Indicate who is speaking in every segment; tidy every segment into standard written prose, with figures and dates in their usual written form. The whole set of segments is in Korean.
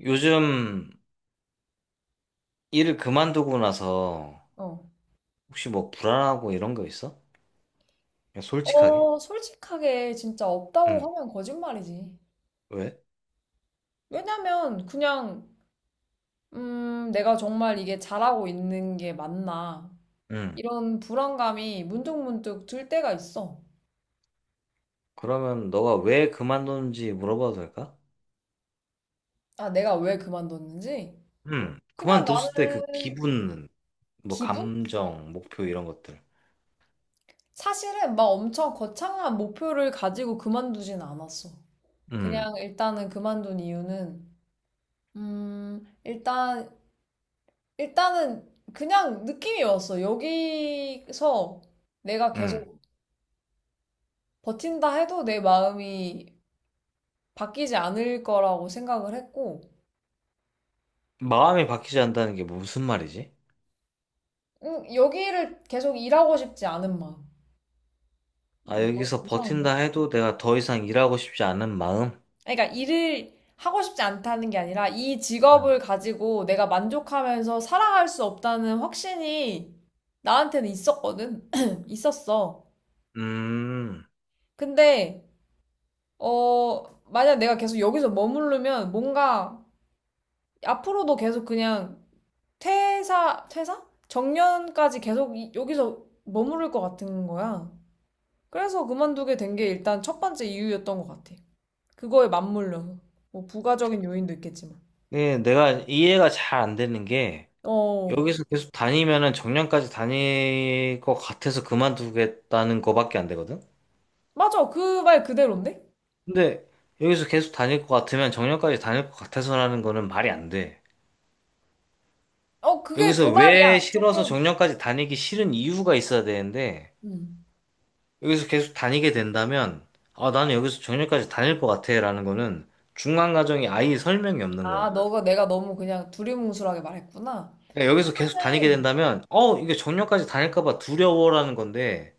Speaker 1: 요즘 일을 그만두고 나서
Speaker 2: 어.
Speaker 1: 혹시 뭐 불안하고 이런 거 있어? 그냥 솔직하게?
Speaker 2: 솔직하게 진짜 없다고
Speaker 1: 응.
Speaker 2: 하면 거짓말이지.
Speaker 1: 왜?
Speaker 2: 왜냐면 그냥 내가 정말 이게 잘하고 있는 게 맞나?
Speaker 1: 응.
Speaker 2: 이런 불안감이 문득문득 들 때가 있어.
Speaker 1: 그러면 너가 왜 그만뒀는지 물어봐도 될까?
Speaker 2: 아, 내가 왜 그만뒀는지?
Speaker 1: 응.
Speaker 2: 그냥
Speaker 1: 그만뒀을 때 그
Speaker 2: 나는
Speaker 1: 기분, 뭐
Speaker 2: 기분?
Speaker 1: 감정, 목표 이런 것들.
Speaker 2: 사실은 막 엄청 거창한 목표를 가지고 그만두진 않았어.
Speaker 1: 응.
Speaker 2: 그냥 일단은 그만둔 이유는 음, 일단 일단은 그냥 느낌이 왔어. 여기서 내가
Speaker 1: 응.
Speaker 2: 계속 버틴다 해도 내 마음이 바뀌지 않을 거라고 생각을 했고,
Speaker 1: 마음이 바뀌지 않는다는 게 무슨 말이지?
Speaker 2: 여기를 계속 일하고 싶지 않은 마음.
Speaker 1: 아,
Speaker 2: 뭐,
Speaker 1: 여기서
Speaker 2: 이상한데?
Speaker 1: 버틴다 해도 내가 더 이상 일하고 싶지 않은 마음?
Speaker 2: 아니, 그러니까 일을 하고 싶지 않다는 게 아니라 이
Speaker 1: 음.
Speaker 2: 직업을 가지고 내가 만족하면서 살아갈 수 없다는 확신이 나한테는 있었거든. 있었어.
Speaker 1: 음.
Speaker 2: 근데, 어, 만약 내가 계속 여기서 머무르면 뭔가 앞으로도 계속 그냥 퇴사, 퇴사? 정년까지 계속 여기서 머무를 것 같은 거야. 그래서 그만두게 된 게 일단 첫 번째 이유였던 것 같아. 그거에 맞물려서. 뭐 부가적인 요인도 있겠지만.
Speaker 1: 네, 내가 이해가 잘 안 되는 게
Speaker 2: 어,
Speaker 1: 여기서 계속 다니면은 정년까지 다닐 것 같아서 그만두겠다는 거밖에 안 되거든?
Speaker 2: 맞아. 그 말 그대로인데?
Speaker 1: 근데 여기서 계속 다닐 것 같으면 정년까지 다닐 것 같아서라는 거는 말이 안 돼.
Speaker 2: 그게 그
Speaker 1: 여기서
Speaker 2: 말이야.
Speaker 1: 왜 싫어서
Speaker 2: 조금.
Speaker 1: 정년까지 다니기 싫은 이유가 있어야 되는데,
Speaker 2: 음.
Speaker 1: 여기서 계속 다니게 된다면, 아, 나는 여기서 정년까지 다닐 것 같아. 라는 거는 중간 과정이 아예 설명이 없는
Speaker 2: 아,
Speaker 1: 거야.
Speaker 2: 너가 내가 너무 그냥 두리뭉술하게 말했구나.
Speaker 1: 그러니까 여기서 계속 다니게
Speaker 2: 이유는,
Speaker 1: 된다면, 어, 이게 정년까지 다닐까 봐 두려워라는 건데,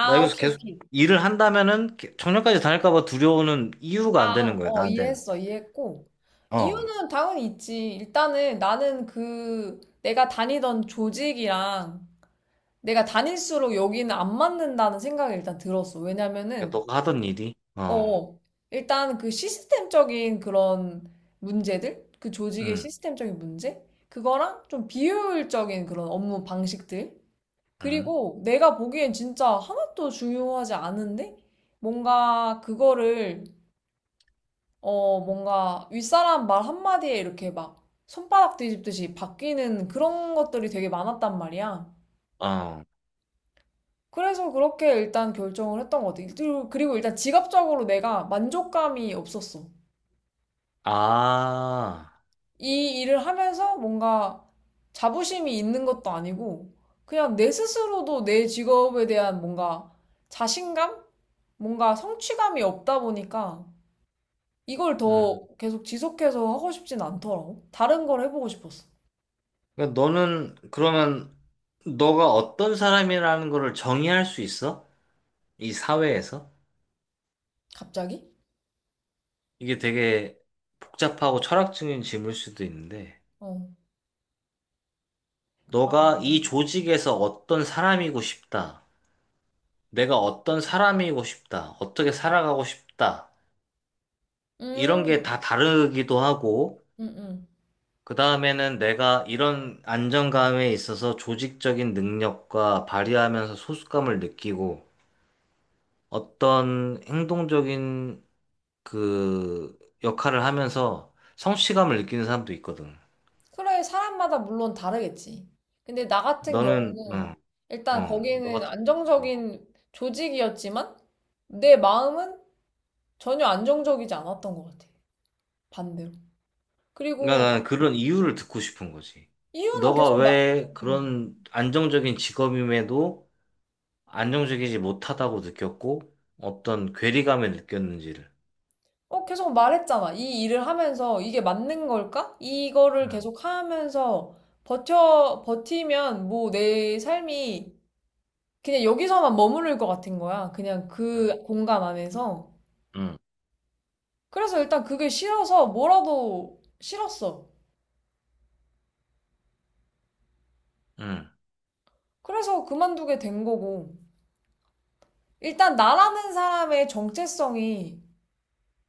Speaker 1: 나 여기서
Speaker 2: 오케이,
Speaker 1: 계속
Speaker 2: 오케이.
Speaker 1: 일을 한다면은 정년까지 다닐까 봐 두려우는 이유가 안 되는 거야, 나한테는.
Speaker 2: 이해했어, 이해했고.
Speaker 1: 어.
Speaker 2: 이유는 당연히 있지. 일단은 나는 내가 다니던 조직이랑 내가 다닐수록 여기는 안 맞는다는 생각이 일단 들었어.
Speaker 1: 그러니까
Speaker 2: 왜냐면은,
Speaker 1: 너가 하던 일이. 어.
Speaker 2: 어, 일단 그 시스템적인 그런 문제들? 그 조직의
Speaker 1: 응.
Speaker 2: 시스템적인 문제? 그거랑 좀 비효율적인 그런 업무 방식들?
Speaker 1: 응.
Speaker 2: 그리고 내가 보기엔 진짜 하나도 중요하지 않은데? 뭔가 그거를 뭔가 윗사람 말 한마디에 이렇게 막 손바닥 뒤집듯이 바뀌는 그런 것들이 되게 많았단 말이야.
Speaker 1: 어.
Speaker 2: 그래서 그렇게 일단 결정을 했던 것 같아. 그리고 일단 지갑적으로 내가 만족감이 없었어.
Speaker 1: 아.
Speaker 2: 이 일을 하면서 뭔가 자부심이 있는 것도 아니고, 그냥 내 스스로도 내 직업에 대한 뭔가 자신감? 뭔가 성취감이 없다 보니까 이걸 더
Speaker 1: 음.
Speaker 2: 계속 지속해서 하고 싶진 않더라고. 다른 걸 해보고 싶었어.
Speaker 1: 그러니까 너는 그러면 너가 어떤 사람이라는 거를 정의할 수 있어? 이 사회에서?
Speaker 2: 갑자기?
Speaker 1: 이게 되게 복잡하고 철학적인 질문일 수도 있는데
Speaker 2: 어.
Speaker 1: 너가 이 조직에서 어떤 사람이고 싶다. 내가 어떤 사람이고 싶다. 어떻게 살아가고 싶다. 이런 게 다
Speaker 2: 음,
Speaker 1: 다르기도 하고,
Speaker 2: 음, 음.
Speaker 1: 그 다음에는 내가 이런 안정감에 있어서 조직적인 능력과 발휘하면서 소속감을 느끼고, 어떤 행동적인 그 역할을 하면서 성취감을 느끼는 사람도 있거든.
Speaker 2: 그래, 사람마다 물론 다르겠지. 근데 나 같은
Speaker 1: 너는,
Speaker 2: 경우는
Speaker 1: 어
Speaker 2: 일단
Speaker 1: 어, 너
Speaker 2: 거기는
Speaker 1: 같은 경우.
Speaker 2: 안정적인 조직이었지만 내 마음은 전혀 안정적이지 않았던 것 같아. 반대로.
Speaker 1: 그러니까
Speaker 2: 그리고
Speaker 1: 나는 그런 이유를 듣고 싶은 거지.
Speaker 2: 이유는
Speaker 1: 너가
Speaker 2: 계속 막,
Speaker 1: 왜 그런 안정적인 직업임에도 안정적이지 못하다고 느꼈고, 어떤 괴리감을 느꼈는지를.
Speaker 2: 계속 말했잖아. 이 일을 하면서 이게 맞는 걸까? 이거를
Speaker 1: 음,
Speaker 2: 계속 하면서 버티면 뭐 내 삶이 그냥 여기서만 머무를 것 같은 거야. 그냥 그 공간 안에서.
Speaker 1: 응,
Speaker 2: 그래서 일단 그게 싫어서 뭐라도 싫었어.
Speaker 1: 응.
Speaker 2: 그래서 그만두게 된 거고. 일단 나라는 사람의 정체성이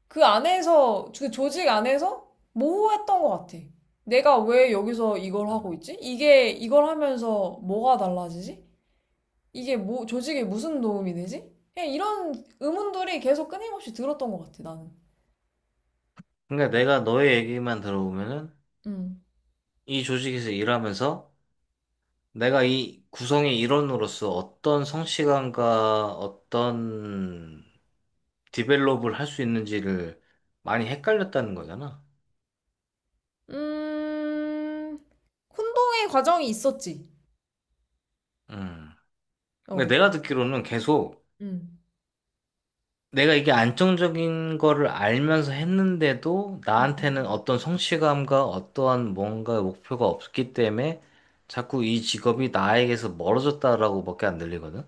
Speaker 2: 그 조직 안에서 모호했던 것 같아. 내가 왜 여기서 이걸 하고 있지? 이걸 하면서 뭐가 달라지지? 이게 뭐, 조직에 무슨 도움이 되지? 그냥 이런 의문들이 계속 끊임없이 들었던 것 같아, 나는.
Speaker 1: 그러니까 내가 너의 얘기만 들어보면은
Speaker 2: 음.
Speaker 1: 이 조직에서 일하면서 내가 이 구성의 일원으로서 어떤 성취감과 어떤 디벨롭을 할 수 있는지를 많이 헷갈렸다는 거잖아.
Speaker 2: 음, 혼동의 과정이 있었지.
Speaker 1: 응. 근데
Speaker 2: 어,
Speaker 1: 내가 듣기로는 계속
Speaker 2: 음.
Speaker 1: 내가 이게 안정적인 거를 알면서 했는데도
Speaker 2: 음.
Speaker 1: 나한테는 어떤 성취감과 어떠한 뭔가 목표가 없기 때문에 자꾸 이 직업이 나에게서 멀어졌다라고밖에 안 들리거든.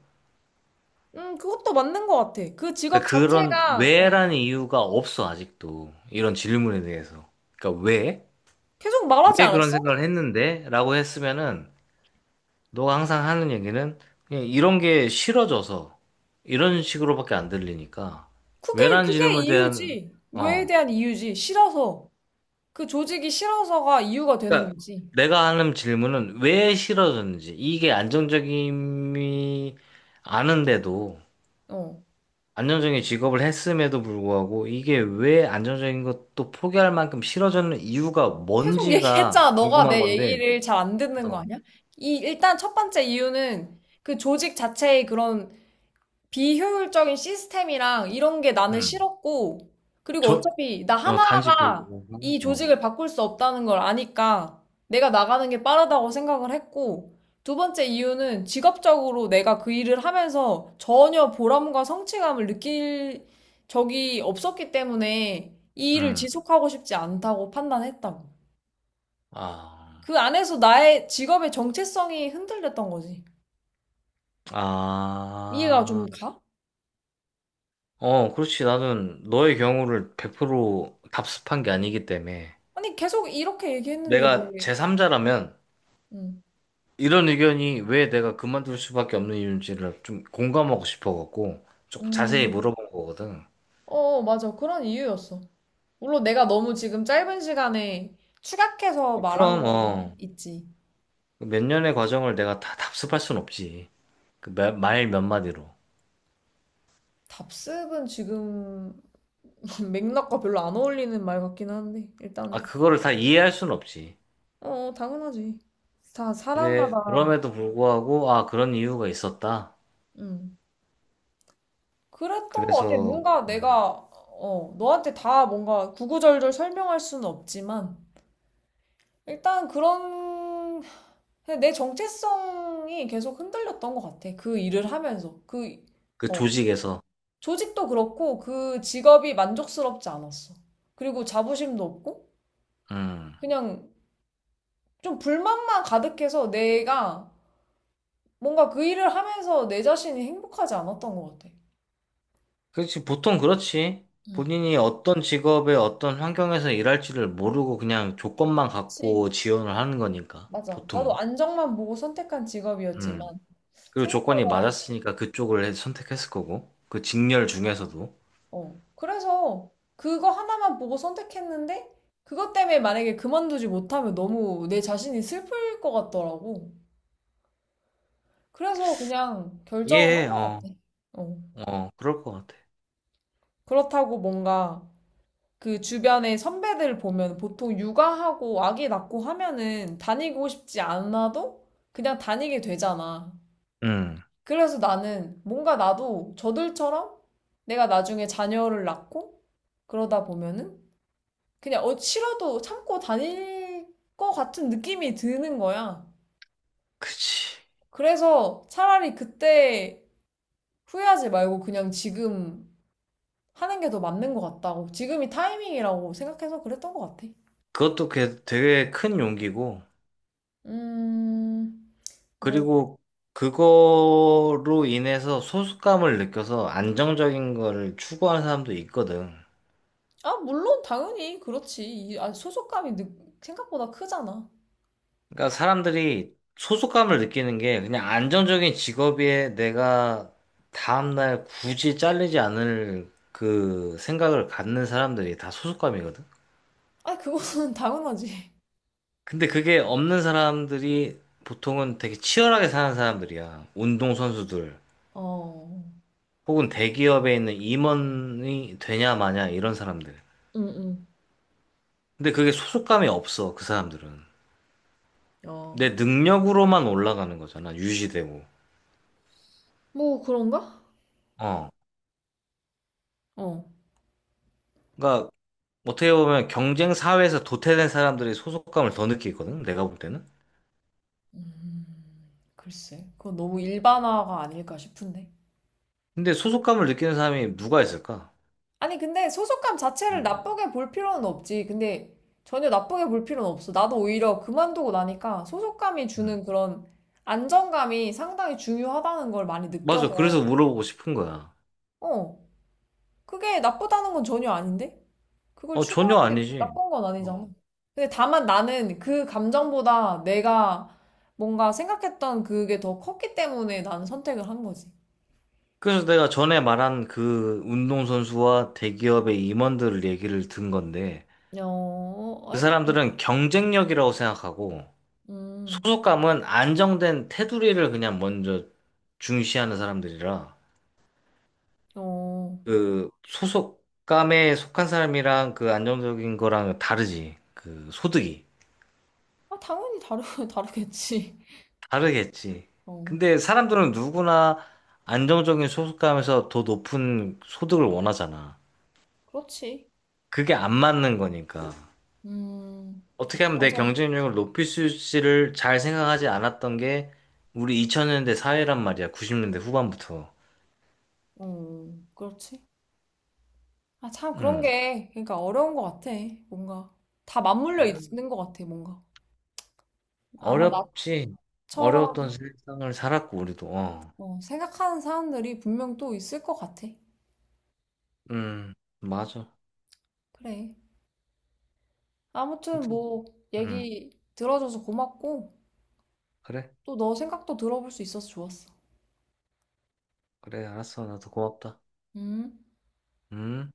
Speaker 2: 그것도 맞는 것 같아. 그 직업
Speaker 1: 그러니까 그런
Speaker 2: 자체가, 어,
Speaker 1: 왜라는 이유가 없어, 아직도. 이런 질문에 대해서. 그러니까 왜?
Speaker 2: 계속 말하지
Speaker 1: 왜 그런
Speaker 2: 않았어?
Speaker 1: 생각을 했는데? 라고 했으면은 너가 항상 하는 얘기는 그냥 이런 게 싫어져서 이런 식으로밖에 안 들리니까 왜라는
Speaker 2: 그게
Speaker 1: 질문에 대한
Speaker 2: 이유지. 왜에
Speaker 1: 어
Speaker 2: 대한 이유지. 싫어서. 그 조직이 싫어서가 이유가 되는
Speaker 1: 그러니까
Speaker 2: 거지.
Speaker 1: 내가 하는 질문은 왜 싫어졌는지 이게 안정적임이 아는데도
Speaker 2: 어.
Speaker 1: 안정적인 직업을 했음에도 불구하고 이게 왜 안정적인 것도 포기할 만큼 싫어졌는 이유가
Speaker 2: 계속
Speaker 1: 뭔지가
Speaker 2: 얘기했잖아. 너가
Speaker 1: 궁금한
Speaker 2: 내
Speaker 1: 건데,
Speaker 2: 얘기를 잘 안 듣는
Speaker 1: 어,
Speaker 2: 거 아니야? 일단 첫 번째 이유는 그 조직 자체의 그런 비효율적인 시스템이랑 이런 게 나는
Speaker 1: 음,
Speaker 2: 싫었고, 그리고
Speaker 1: 저,
Speaker 2: 어차피 나
Speaker 1: 어, 단지 그,
Speaker 2: 하나가 이
Speaker 1: 어,
Speaker 2: 조직을 바꿀 수 없다는 걸 아니까 내가 나가는 게 빠르다고 생각을 했고, 두 번째 이유는 직업적으로 내가 그 일을 하면서 전혀 보람과 성취감을 느낄 적이 없었기 때문에 이 일을
Speaker 1: 음,
Speaker 2: 지속하고 싶지 않다고 판단했다고. 그
Speaker 1: 아,
Speaker 2: 안에서 나의 직업의 정체성이 흔들렸던 거지. 이해가 좀
Speaker 1: 아,
Speaker 2: 가?
Speaker 1: 어, 그렇지. 나는 너의 경우를 100% 답습한 게 아니기 때문에
Speaker 2: 아니, 계속 이렇게 얘기했는데
Speaker 1: 내가
Speaker 2: 왜?
Speaker 1: 제3자라면
Speaker 2: 응.
Speaker 1: 이런 의견이 왜 내가 그만둘 수밖에 없는 이유인지를 좀 공감하고 싶어갖고 조금 자세히
Speaker 2: 음.
Speaker 1: 물어본 거거든.
Speaker 2: 어, 맞아. 그런 이유였어. 물론 내가 너무 지금 짧은 시간에 추각해서
Speaker 1: 어,
Speaker 2: 말한
Speaker 1: 그럼,
Speaker 2: 거는
Speaker 1: 어.
Speaker 2: 있지.
Speaker 1: 몇 년의 과정을 내가 다 답습할 순 없지. 말 몇 마디로.
Speaker 2: 답습은 지금 맥락과 별로 안 어울리는 말 같긴 한데,
Speaker 1: 아,
Speaker 2: 일단은.
Speaker 1: 그거를 다 이해할 순 없지.
Speaker 2: 어, 당연하지. 다
Speaker 1: 그래,
Speaker 2: 사람마다,
Speaker 1: 그럼에도 불구하고, 아, 그런 이유가 있었다.
Speaker 2: 음. 그랬던 것 같아.
Speaker 1: 그래서
Speaker 2: 너한테 다 뭔가 구구절절 설명할 수는 없지만, 일단 그런, 그냥 내 정체성이 계속 흔들렸던 것 같아. 그 일을 하면서.
Speaker 1: 그
Speaker 2: 어.
Speaker 1: 조직에서,
Speaker 2: 조직도 그렇고 그 직업이 만족스럽지 않았어. 그리고 자부심도 없고
Speaker 1: 음.
Speaker 2: 그냥 좀 불만만 가득해서 내가 뭔가 그 일을 하면서 내 자신이 행복하지 않았던 것 같아.
Speaker 1: 그렇지, 보통 그렇지.
Speaker 2: 응
Speaker 1: 본인이 어떤 직업에 어떤 환경에서 일할지를 모르고 그냥 조건만
Speaker 2: 그치.
Speaker 1: 갖고 지원을 하는 거니까,
Speaker 2: 맞아. 나도
Speaker 1: 보통은.
Speaker 2: 안정만 보고 선택한
Speaker 1: 음.
Speaker 2: 직업이었지만
Speaker 1: 그리고 조건이
Speaker 2: 생각보다
Speaker 1: 맞았으니까 그쪽을 선택했을 거고, 그 직렬 중에서도.
Speaker 2: 어. 그래서 그거 하나만 보고 선택했는데 그것 때문에 만약에 그만두지 못하면 너무 내 자신이 슬플 것 같더라고. 그래서 그냥 결정을
Speaker 1: 예,
Speaker 2: 한 것
Speaker 1: 어,
Speaker 2: 같아. 어.
Speaker 1: 어, 그럴 것 같아.
Speaker 2: 그렇다고 뭔가 그 주변의 선배들 보면 보통 육아하고 아기 낳고 하면은 다니고 싶지 않아도 그냥 다니게 되잖아.
Speaker 1: 음.
Speaker 2: 그래서 나는 뭔가 나도 저들처럼 내가 나중에 자녀를 낳고 그러다 보면은 그냥 어 싫어도 참고 다닐 것 같은 느낌이 드는 거야.
Speaker 1: 그치.
Speaker 2: 그래서 차라리 그때 후회하지 말고 그냥 지금 하는 게 더 맞는 것 같다고. 지금이 타이밍이라고 생각해서 그랬던 것 같아.
Speaker 1: 그것도 되게 큰 용기고,
Speaker 2: 음, 뭐,
Speaker 1: 그리고 그거로 인해서 소속감을 느껴서 안정적인 거를 추구하는 사람도 있거든.
Speaker 2: 아, 물론 당연히 그렇지. 소속감이 생각보다 크잖아.
Speaker 1: 그러니까 사람들이 소속감을 느끼는 게 그냥 안정적인 직업에 내가 다음날 굳이 잘리지 않을 그 생각을 갖는 사람들이 다 소속감이거든.
Speaker 2: 아, 그거는 당연하지.
Speaker 1: 근데 그게 없는 사람들이 보통은 되게 치열하게 사는 사람들이야. 운동선수들.
Speaker 2: 어,
Speaker 1: 혹은 대기업에 있는 임원이 되냐 마냐 이런 사람들.
Speaker 2: 응,
Speaker 1: 근데 그게 소속감이 없어, 그 사람들은.
Speaker 2: 응, 어,
Speaker 1: 내 능력으로만 올라가는 거잖아, 유지되고.
Speaker 2: 뭐 그런가?
Speaker 1: 어.
Speaker 2: 어,
Speaker 1: 그러니까 어떻게 보면 경쟁 사회에서 도태된 사람들이 소속감을 더 느끼거든, 내가 볼 때는.
Speaker 2: 음, 글쎄, 그건 너무 일반화가 아닐까 싶은데.
Speaker 1: 근데 소속감을 느끼는 사람이 누가 있을까?
Speaker 2: 아니, 근데 소속감 자체를
Speaker 1: 음.
Speaker 2: 나쁘게 볼 필요는 없지. 근데 전혀 나쁘게 볼 필요는 없어. 나도 오히려 그만두고 나니까 소속감이
Speaker 1: 음.
Speaker 2: 주는 그런 안정감이 상당히 중요하다는 걸 많이
Speaker 1: 맞아. 그래서
Speaker 2: 느껴서.
Speaker 1: 물어보고 싶은 거야.
Speaker 2: 어, 그게 나쁘다는 건 전혀 아닌데? 그걸
Speaker 1: 어, 전혀
Speaker 2: 추구하는 게
Speaker 1: 아니지.
Speaker 2: 나쁜 건
Speaker 1: 어.
Speaker 2: 아니잖아. 근데 다만 나는 그 감정보다 내가 뭔가 생각했던 그게 더 컸기 때문에 나는 선택을 한 거지.
Speaker 1: 그래서 내가 전에 말한 그 운동선수와 대기업의 임원들을 얘기를 든 건데,
Speaker 2: 어,
Speaker 1: 그
Speaker 2: 알겠어.
Speaker 1: 사람들은 경쟁력이라고 생각하고
Speaker 2: 음,
Speaker 1: 소속감은 안정된 테두리를 그냥 먼저 중시하는 사람들이라
Speaker 2: 어.
Speaker 1: 그 소속감에 속한 사람이랑 그 안정적인 거랑 다르지. 그 소득이
Speaker 2: 아, 다르겠지.
Speaker 1: 다르겠지.
Speaker 2: 어,
Speaker 1: 근데 사람들은 누구나 안정적인 소속감에서 더 높은 소득을 원하잖아.
Speaker 2: 그렇지.
Speaker 1: 그게 안 맞는 거니까.
Speaker 2: 음,
Speaker 1: 어떻게 하면 내
Speaker 2: 맞아.
Speaker 1: 경쟁력을 높일 수 있을지를 잘 생각하지 않았던 게 우리 2000년대 사회란 말이야. 90년대 후반부터.
Speaker 2: 어, 그렇지. 아, 참, 그런
Speaker 1: 음.
Speaker 2: 게, 그러니까 어려운 것 같아. 뭔가. 다 맞물려
Speaker 1: 어려-
Speaker 2: 있는 것 같아, 뭔가. 아마
Speaker 1: 어렵지.
Speaker 2: 나처럼
Speaker 1: 어려웠던 세상을 살았고, 우리도. 어.
Speaker 2: 어, 생각하는 사람들이 분명 또 있을 것 같아.
Speaker 1: 음, 맞아.
Speaker 2: 그래. 아무튼
Speaker 1: 아무튼,
Speaker 2: 뭐
Speaker 1: 음,
Speaker 2: 얘기 들어줘서 고맙고
Speaker 1: 그래.
Speaker 2: 또 너 생각도 들어볼 수 있어서 좋았어.
Speaker 1: 그래, 알았어. 나도 고맙다.
Speaker 2: 음.
Speaker 1: 음.